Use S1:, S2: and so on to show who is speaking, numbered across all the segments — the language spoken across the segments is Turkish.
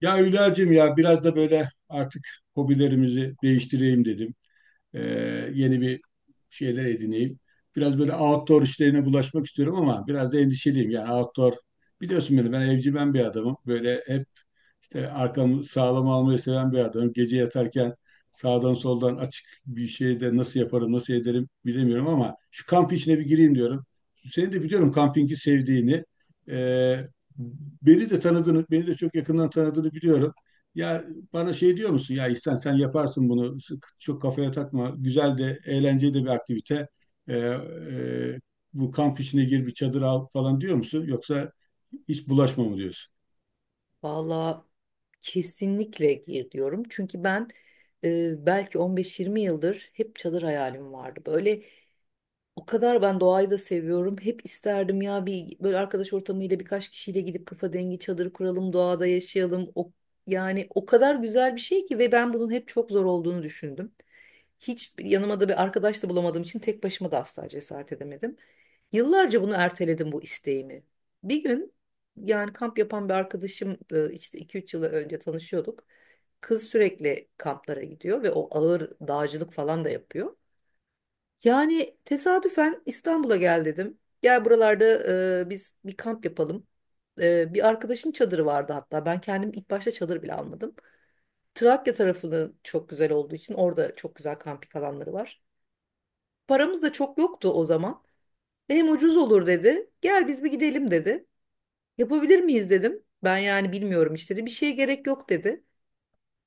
S1: Ya Hülya'cığım, ya biraz da böyle artık hobilerimizi değiştireyim dedim. Ee, Yeni bir şeyler edineyim. Biraz böyle outdoor işlerine bulaşmak istiyorum ama biraz da endişeliyim. Yani outdoor, biliyorsun beni, ben evcimen bir adamım. Böyle hep arkamı sağlam almayı seven bir adamım. Gece yatarken sağdan soldan açık bir şey de nasıl yaparım, nasıl ederim bilemiyorum ama şu kamp işine bir gireyim diyorum. Seni de biliyorum kampingi sevdiğini. E, Beni de tanıdığını, beni de çok yakından tanıdığını biliyorum. Ya bana şey diyor musun? Ya İhsan, sen yaparsın bunu. Çok kafaya takma. Güzel de, eğlenceli de bir aktivite. E, e, Bu kamp işine gir, bir çadır al falan diyor musun? Yoksa hiç bulaşma mı diyorsun?
S2: Valla kesinlikle gir diyorum. Çünkü ben belki 15-20 yıldır hep çadır hayalim vardı. Böyle o kadar ben doğayı da seviyorum. Hep isterdim ya bir böyle arkadaş ortamıyla birkaç kişiyle gidip kafa dengi çadır kuralım, doğada yaşayalım. O, yani o kadar güzel bir şey ki ve ben bunun hep çok zor olduğunu düşündüm. Hiç yanıma da bir arkadaş da bulamadığım için tek başıma da asla cesaret edemedim. Yıllarca bunu erteledim bu isteğimi. Bir gün yani kamp yapan bir arkadaşım işte iki üç yıl önce tanışıyorduk. Kız sürekli kamplara gidiyor ve o ağır dağcılık falan da yapıyor. Yani tesadüfen İstanbul'a gel dedim. Gel buralarda biz bir kamp yapalım. Bir arkadaşın çadırı vardı hatta. Ben kendim ilk başta çadır bile almadım. Trakya tarafını çok güzel olduğu için orada çok güzel kamping alanları var. Paramız da çok yoktu o zaman. Ve hem ucuz olur dedi. Gel biz bir gidelim dedi. Yapabilir miyiz dedim. Ben yani bilmiyorum işte dedi. Bir şeye gerek yok dedi.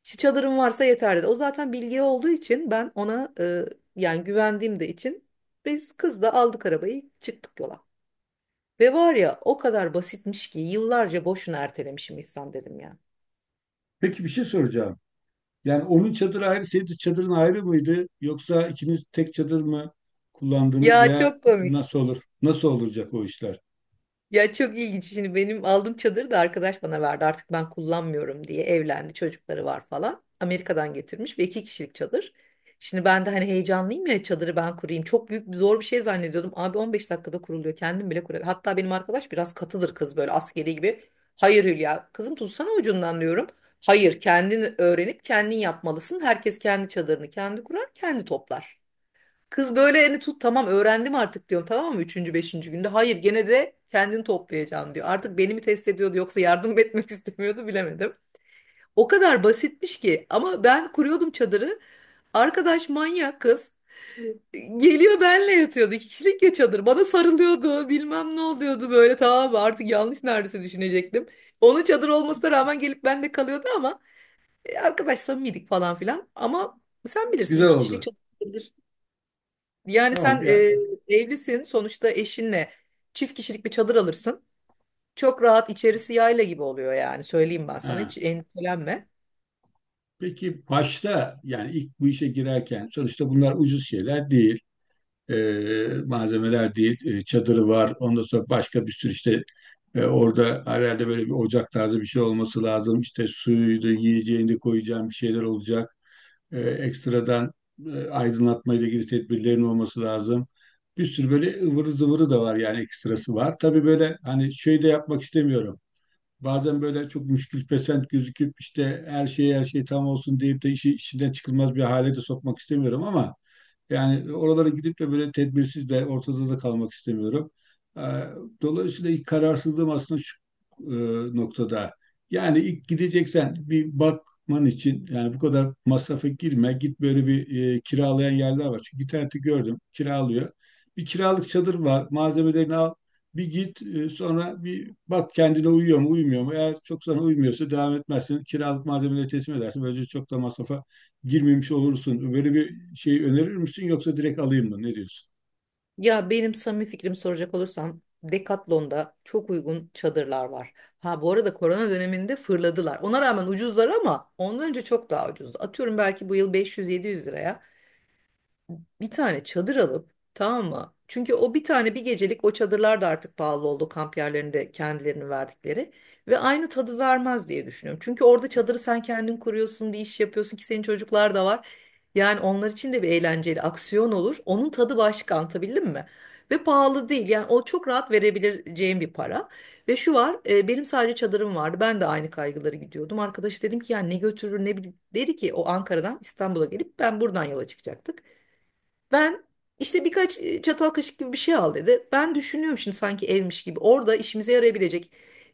S2: İşte çadırın varsa yeter dedi. O zaten bilgi olduğu için ben ona yani güvendiğim de için biz kızla aldık arabayı çıktık yola. Ve var ya o kadar basitmiş ki yıllarca boşuna ertelemişim İhsan dedim ya.
S1: Peki bir şey soracağım. Yani onun çadırı ayrı, senin de çadırın ayrı mıydı? Yoksa ikiniz tek çadır mı kullandınız
S2: Ya
S1: veya
S2: çok komik.
S1: nasıl olur? Nasıl olacak o işler?
S2: Ya çok ilginç. Şimdi benim aldığım çadırı da arkadaş bana verdi. Artık ben kullanmıyorum diye evlendi. Çocukları var falan. Amerika'dan getirmiş ve iki kişilik çadır. Şimdi ben de hani heyecanlıyım ya çadırı ben kurayım. Çok büyük zor bir şey zannediyordum. Abi 15 dakikada kuruluyor. Kendim bile kuruyorum. Hatta benim arkadaş biraz katıdır kız böyle askeri gibi. Hayır Hülya kızım tutsana ucundan diyorum. Hayır kendin öğrenip kendin yapmalısın. Herkes kendi çadırını kendi kurar kendi toplar. Kız böyle elini tut tamam öğrendim artık diyorum tamam mı? Üçüncü, beşinci günde. Hayır gene de kendini toplayacaksın diyor. Artık beni mi test ediyordu yoksa yardım etmek istemiyordu bilemedim. O kadar basitmiş ki ama ben kuruyordum çadırı. Arkadaş manyak kız. Geliyor benle yatıyordu. İki kişilik ya çadır. Bana sarılıyordu. Bilmem ne oluyordu böyle tamam mı? Artık yanlış neredeyse düşünecektim. Onun çadır olmasına rağmen gelip benle kalıyordu ama arkadaş samimiydik falan filan. Ama sen bilirsin
S1: Güzel
S2: iki kişilik
S1: oldu.
S2: çadır yani
S1: Tamam
S2: sen
S1: yani.
S2: evlisin sonuçta eşinle çift kişilik bir çadır alırsın. Çok rahat içerisi yayla gibi oluyor yani söyleyeyim ben sana
S1: Ha.
S2: hiç endişelenme.
S1: Peki başta, yani ilk bu işe girerken, sonuçta bunlar ucuz şeyler değil. Malzemeler değil. Çadırı var. Ondan sonra başka bir sürü işte orada herhalde böyle bir ocak tarzı bir şey olması lazım. İşte suyuydu, yiyeceğini koyacağım bir şeyler olacak. Ekstradan aydınlatma ile ilgili tedbirlerin olması lazım. Bir sürü böyle ıvırı zıvırı da var, yani ekstrası var. Tabii böyle hani şey de yapmak istemiyorum. Bazen böyle çok müşkülpesent gözüküp işte her şey tam olsun deyip de işi işinden çıkılmaz bir hale de sokmak istemiyorum ama yani oralara gidip de böyle tedbirsiz de ortada da kalmak istemiyorum. Ee, Dolayısıyla ilk kararsızlığım aslında şu noktada. Yani ilk gideceksen, bir bakman için, yani bu kadar masrafa girme. Git, böyle bir kiralayan yerler var. Çünkü internette gördüm, kiralıyor. Bir kiralık çadır var. Malzemelerini al. Bir git, sonra bir bak kendine uyuyor mu uymuyor mu. Eğer çok sana uymuyorsa devam etmezsin. Kiralık malzemeleri teslim edersin. Böylece çok da masrafa girmemiş olursun. Böyle bir şey önerir misin, yoksa direkt alayım mı? Ne diyorsun?
S2: Ya benim samimi fikrimi soracak olursan Decathlon'da çok uygun çadırlar var. Ha bu arada korona döneminde fırladılar. Ona rağmen ucuzlar ama ondan önce çok daha ucuzdu. Atıyorum belki bu yıl 500-700 liraya bir tane çadır alıp tamam mı? Çünkü o bir tane bir gecelik o çadırlar da artık pahalı oldu kamp yerlerinde kendilerini verdikleri ve aynı tadı vermez diye düşünüyorum. Çünkü orada çadırı sen kendin kuruyorsun, bir iş yapıyorsun ki senin çocuklar da var. Yani onlar için de bir eğlenceli aksiyon olur. Onun tadı başka anlatabildim mi? Ve pahalı değil. Yani o çok rahat verebileceğim bir para. Ve şu var, benim sadece çadırım vardı. Ben de aynı kaygıları gidiyordum. Arkadaş dedim ki ya ne götürür ne bilir. Dedi ki o Ankara'dan İstanbul'a gelip ben buradan yola çıkacaktık. Ben işte birkaç çatal kaşık gibi bir şey al dedi. Ben düşünüyorum şimdi sanki evmiş gibi. Orada işimize yarayabilecek.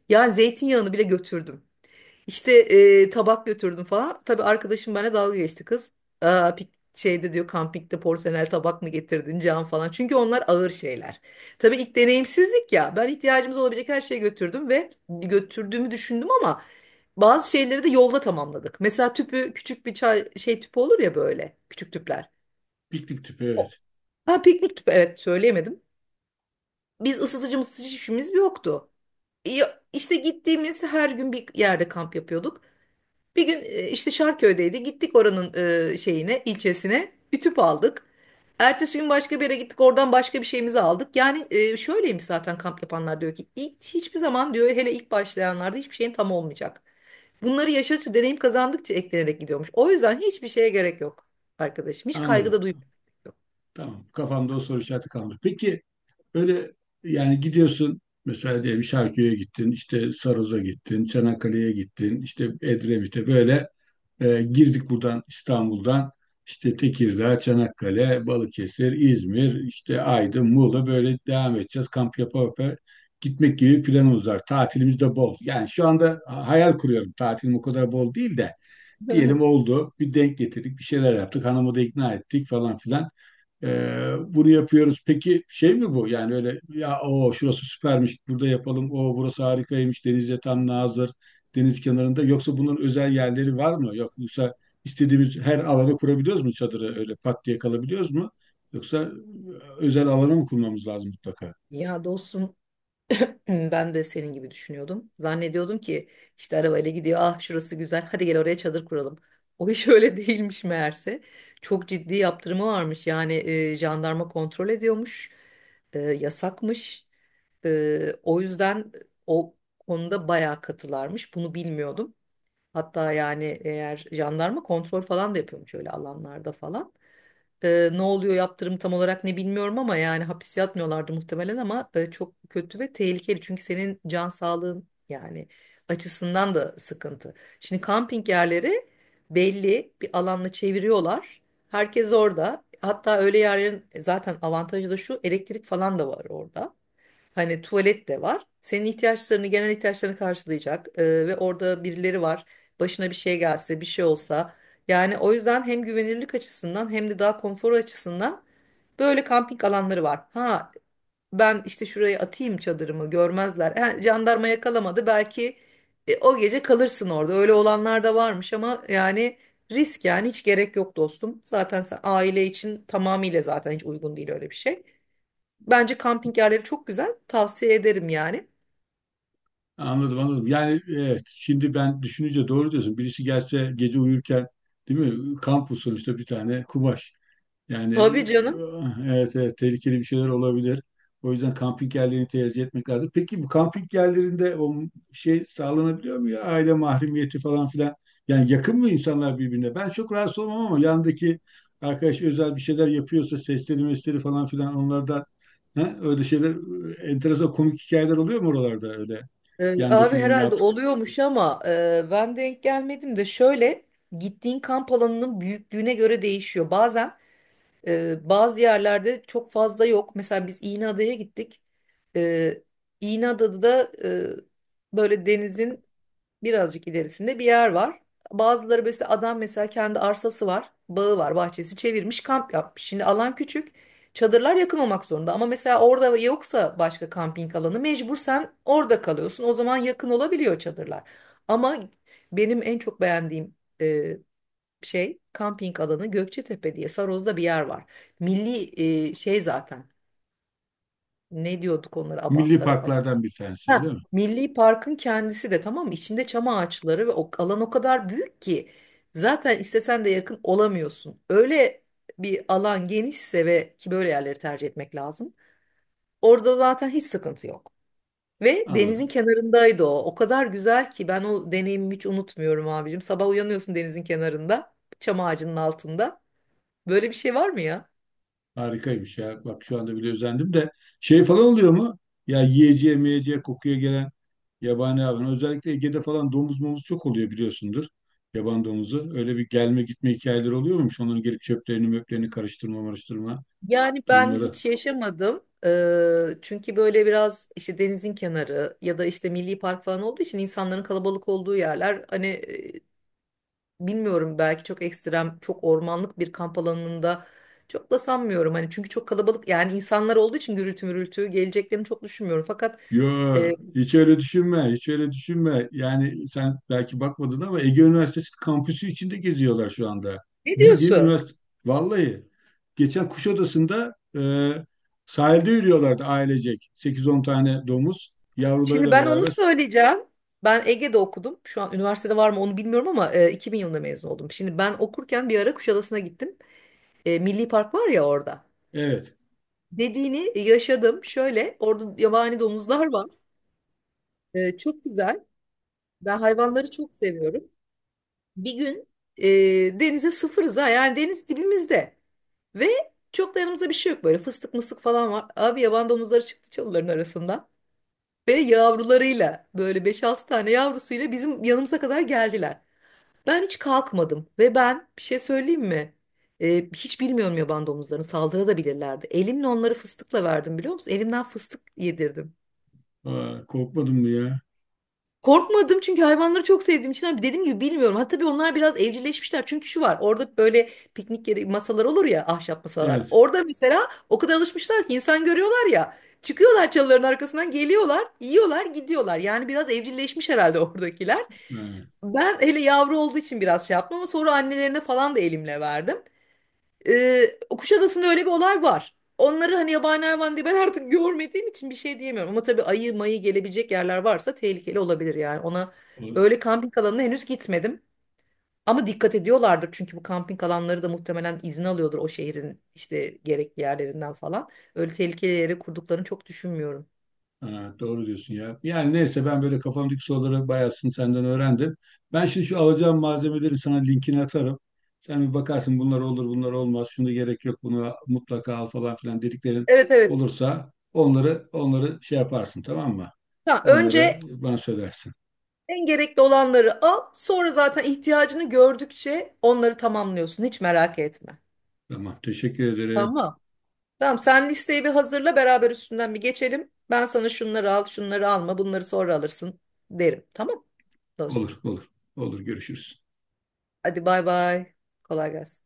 S2: Yani zeytinyağını bile götürdüm. İşte tabak götürdüm falan. Tabii arkadaşım benimle dalga geçti kız. Aa, şeyde diyor kampikte porselen tabak mı getirdin cam falan. Çünkü onlar ağır şeyler. Tabii ilk deneyimsizlik ya. Ben ihtiyacımız olabilecek her şeyi götürdüm ve götürdüğümü düşündüm ama bazı şeyleri de yolda tamamladık. Mesela tüpü küçük bir çay şey tüpü olur ya böyle küçük tüpler.
S1: Piknik tüpü, evet.
S2: Ha piknik tüpü evet söyleyemedim. Biz ısıtıcı mısıtıcı hiçbirimiz yoktu. İşte gittiğimiz her gün bir yerde kamp yapıyorduk. Bir gün işte Şarköy'deydi. Gittik oranın şeyine, ilçesine. Bir tüp aldık. Ertesi gün başka bir yere gittik. Oradan başka bir şeyimizi aldık. Yani şöyleymiş zaten kamp yapanlar diyor ki hiçbir zaman diyor hele ilk başlayanlarda hiçbir şeyin tam olmayacak. Bunları yaşadıkça, deneyim kazandıkça eklenerek gidiyormuş. O yüzden hiçbir şeye gerek yok arkadaşım. Hiç kaygı
S1: Anladım.
S2: da duymuyor.
S1: Tamam. Kafamda o soru işareti kaldı. Peki, böyle, yani gidiyorsun mesela, diyelim Şarköy'e gittin, işte Sarız'a gittin, Çanakkale'ye gittin, işte Edremit'e, böyle girdik buradan İstanbul'dan, işte Tekirdağ, Çanakkale, Balıkesir, İzmir, işte Aydın, Muğla, böyle devam edeceğiz. Kamp yapa yapa gitmek gibi planımız var. Tatilimiz de bol. Yani şu anda hayal kuruyorum. Tatilim o kadar bol değil de diyelim oldu. Bir denk getirdik, bir şeyler yaptık. Hanımı da ikna ettik falan filan. Bunu yapıyoruz. Peki şey mi bu? Yani öyle ya, o şurası süpermiş burada yapalım. O burası harikaymış. Denize tam nazır. Deniz kenarında. Yoksa bunun özel yerleri var mı? Yok, yoksa istediğimiz her alana kurabiliyoruz mu çadırı, öyle pat diye kalabiliyoruz mu? Yoksa özel alana mı kurmamız lazım mutlaka?
S2: Ya dostum. Ben de senin gibi düşünüyordum. Zannediyordum ki işte arabayla gidiyor. Ah şurası güzel. Hadi gel oraya çadır kuralım. O iş öyle değilmiş meğerse. Çok ciddi yaptırımı varmış. Yani jandarma kontrol ediyormuş. Yasakmış. O yüzden o konuda bayağı katılarmış. Bunu bilmiyordum. Hatta yani eğer jandarma kontrol falan da yapıyormuş öyle alanlarda falan. Ne oluyor yaptırım tam olarak ne bilmiyorum ama yani hapis yatmıyorlardı muhtemelen ama çok kötü ve tehlikeli. Çünkü senin can sağlığın yani açısından da sıkıntı. Şimdi kamping yerleri belli bir alanla çeviriyorlar. Herkes orada. Hatta öyle yerlerin zaten avantajı da şu elektrik falan da var orada. Hani tuvalet de var. Senin ihtiyaçlarını, genel ihtiyaçlarını karşılayacak ve orada birileri var. Başına bir şey gelse, bir şey olsa. Yani o yüzden hem güvenirlik açısından hem de daha konfor açısından böyle kamping alanları var. Ha ben işte şuraya atayım çadırımı görmezler. Ha, jandarma yakalamadı belki o gece kalırsın orada. Öyle olanlar da varmış ama yani risk yani hiç gerek yok dostum. Zaten sen aile için tamamıyla zaten hiç uygun değil öyle bir şey. Bence kamping yerleri çok güzel. Tavsiye ederim yani.
S1: Anladım, anladım. Yani evet, şimdi ben düşününce doğru diyorsun. Birisi gelse gece uyurken, değil mi? Kamp usulü işte, bir tane kumaş. Yani
S2: Tabii canım.
S1: evet, evet, tehlikeli bir şeyler olabilir. O yüzden kamping yerlerini tercih etmek lazım. Peki bu kamping yerlerinde o şey sağlanabiliyor mu ya? Aile mahremiyeti falan filan. Yani yakın mı insanlar birbirine? Ben çok rahatsız olmam ama yandaki arkadaş özel bir şeyler yapıyorsa sesleri, mesleri falan filan, onlarda, he? Öyle şeyler, enteresan komik hikayeler oluyor mu oralarda öyle?
S2: Abi
S1: Yandakinin ne
S2: herhalde
S1: yaptık?
S2: oluyormuş ama ben denk gelmedim de şöyle gittiğin kamp alanının büyüklüğüne göre değişiyor. Bazen bazı yerlerde çok fazla yok. Mesela biz İğneada'ya gittik. Ee, İğneada'da da böyle denizin birazcık ilerisinde bir yer var. Bazıları mesela adam mesela kendi arsası var, bağı var, bahçesi çevirmiş, kamp yapmış. Şimdi alan küçük, çadırlar yakın olmak zorunda. Ama mesela orada yoksa başka kamping alanı mecbur sen orada kalıyorsun. O zaman yakın olabiliyor çadırlar. Ama benim en çok beğendiğim e, şey kamping alanı Gökçetepe diye Saroz'da bir yer var. Milli şey zaten. Ne diyorduk onlara
S1: Milli
S2: abantlara falan.
S1: parklardan bir tanesi öyle
S2: Ha,
S1: mi?
S2: Milli Park'ın kendisi de tamam mı? İçinde çam ağaçları ve o alan o kadar büyük ki zaten istesen de yakın olamıyorsun. Öyle bir alan genişse ve ki böyle yerleri tercih etmek lazım. Orada zaten hiç sıkıntı yok. Ve denizin
S1: Anladım.
S2: kenarındaydı o. O kadar güzel ki ben o deneyimimi hiç unutmuyorum abicim. Sabah uyanıyorsun denizin kenarında, çam ağacının altında. Böyle bir şey var mı ya?
S1: Harikaymış ya. Bak şu anda bile özendim de şey falan oluyor mu? Ya yiyeceğe, meyeceğe, kokuya gelen yabani hayvan. Özellikle Ege'de falan domuz momuz çok oluyor biliyorsundur. Yaban domuzu. Öyle bir gelme gitme hikayeleri oluyor muymuş? Onların gelip çöplerini möplerini karıştırma marıştırma
S2: Yani ben
S1: durumları.
S2: hiç yaşamadım. Çünkü böyle biraz işte denizin kenarı ya da işte milli park falan olduğu için insanların kalabalık olduğu yerler hani bilmiyorum belki çok ekstrem, çok ormanlık bir kamp alanında çok da sanmıyorum. Hani çünkü çok kalabalık yani insanlar olduğu için gürültü mürültü geleceklerini çok düşünmüyorum. Fakat
S1: Yo,
S2: e,
S1: hiç öyle düşünme, hiç öyle düşünme. Yani sen belki bakmadın ama Ege Üniversitesi kampüsü içinde geziyorlar şu anda.
S2: ne
S1: Bildiğin
S2: diyorsun?
S1: üniversite, vallahi. Geçen Kuşadası'nda, sahilde yürüyorlardı ailecek. 8-10 tane domuz,
S2: Şimdi
S1: yavrularıyla
S2: ben onu
S1: beraber.
S2: söyleyeceğim. Ben Ege'de okudum. Şu an üniversitede var mı onu bilmiyorum ama 2000 yılında mezun oldum. Şimdi ben okurken bir ara Kuşadası'na gittim. E, milli park var ya orada.
S1: Evet.
S2: Dediğini yaşadım. Şöyle orada yabani domuzlar var. Çok güzel. Ben hayvanları çok seviyorum. Bir gün denize sıfırız ha. Yani deniz dibimizde. Ve çok da yanımızda bir şey yok. Böyle fıstık mıstık falan var. Abi yaban domuzları çıktı çalıların arasından. Ve yavrularıyla böyle beş altı tane yavrusuyla bizim yanımıza kadar geldiler. Ben hiç kalkmadım. Ve ben bir şey söyleyeyim mi? Hiç bilmiyorum yaban domuzlarını saldırabilirlerdi. Elimle onları fıstıkla verdim biliyor musun? Elimden fıstık yedirdim.
S1: Aa, korkmadın mı ya?
S2: Korkmadım çünkü hayvanları çok sevdiğim için abi dediğim gibi bilmiyorum. Ha tabii onlar biraz evcilleşmişler. Çünkü şu var orada böyle piknik yeri masalar olur ya ahşap masalar.
S1: Evet.
S2: Orada mesela o kadar alışmışlar ki insan görüyorlar ya. Çıkıyorlar çalıların arkasından geliyorlar, yiyorlar, gidiyorlar. Yani biraz evcilleşmiş herhalde oradakiler. Ben hele yavru olduğu için biraz şey yaptım ama sonra annelerine falan da elimle verdim. Kuşadası'nda öyle bir olay var. Onları hani yabani hayvan diye ben artık görmediğim için bir şey diyemiyorum. Ama tabii ayı mayı gelebilecek yerler varsa tehlikeli olabilir yani. Ona
S1: Ha.
S2: öyle kamping alanına henüz gitmedim. Ama dikkat ediyorlardır çünkü bu kamping alanları da muhtemelen izin alıyordur o şehrin işte gerekli yerlerinden falan. Öyle tehlikeli yere kurduklarını çok düşünmüyorum.
S1: Ha, doğru diyorsun ya. Yani neyse, ben böyle kafamdaki soruları bayağısını senden öğrendim. Ben şimdi şu alacağım malzemeleri sana linkini atarım. Sen bir bakarsın, bunlar olur bunlar olmaz. Şunu gerek yok, bunu mutlaka al falan filan dediklerin
S2: Evet evet.
S1: olursa onları şey yaparsın, tamam mı?
S2: Ha,
S1: Onları
S2: önce
S1: bana söylersin.
S2: en gerekli olanları al, sonra zaten ihtiyacını gördükçe onları tamamlıyorsun. Hiç merak etme.
S1: Tamam, teşekkür ederim.
S2: Tamam. Tamam sen listeyi bir hazırla beraber üstünden bir geçelim. Ben sana şunları al, şunları alma, bunları sonra alırsın derim. Tamam dostum.
S1: Olur olur, olur, görüşürüz.
S2: Hadi bay bay. Kolay gelsin.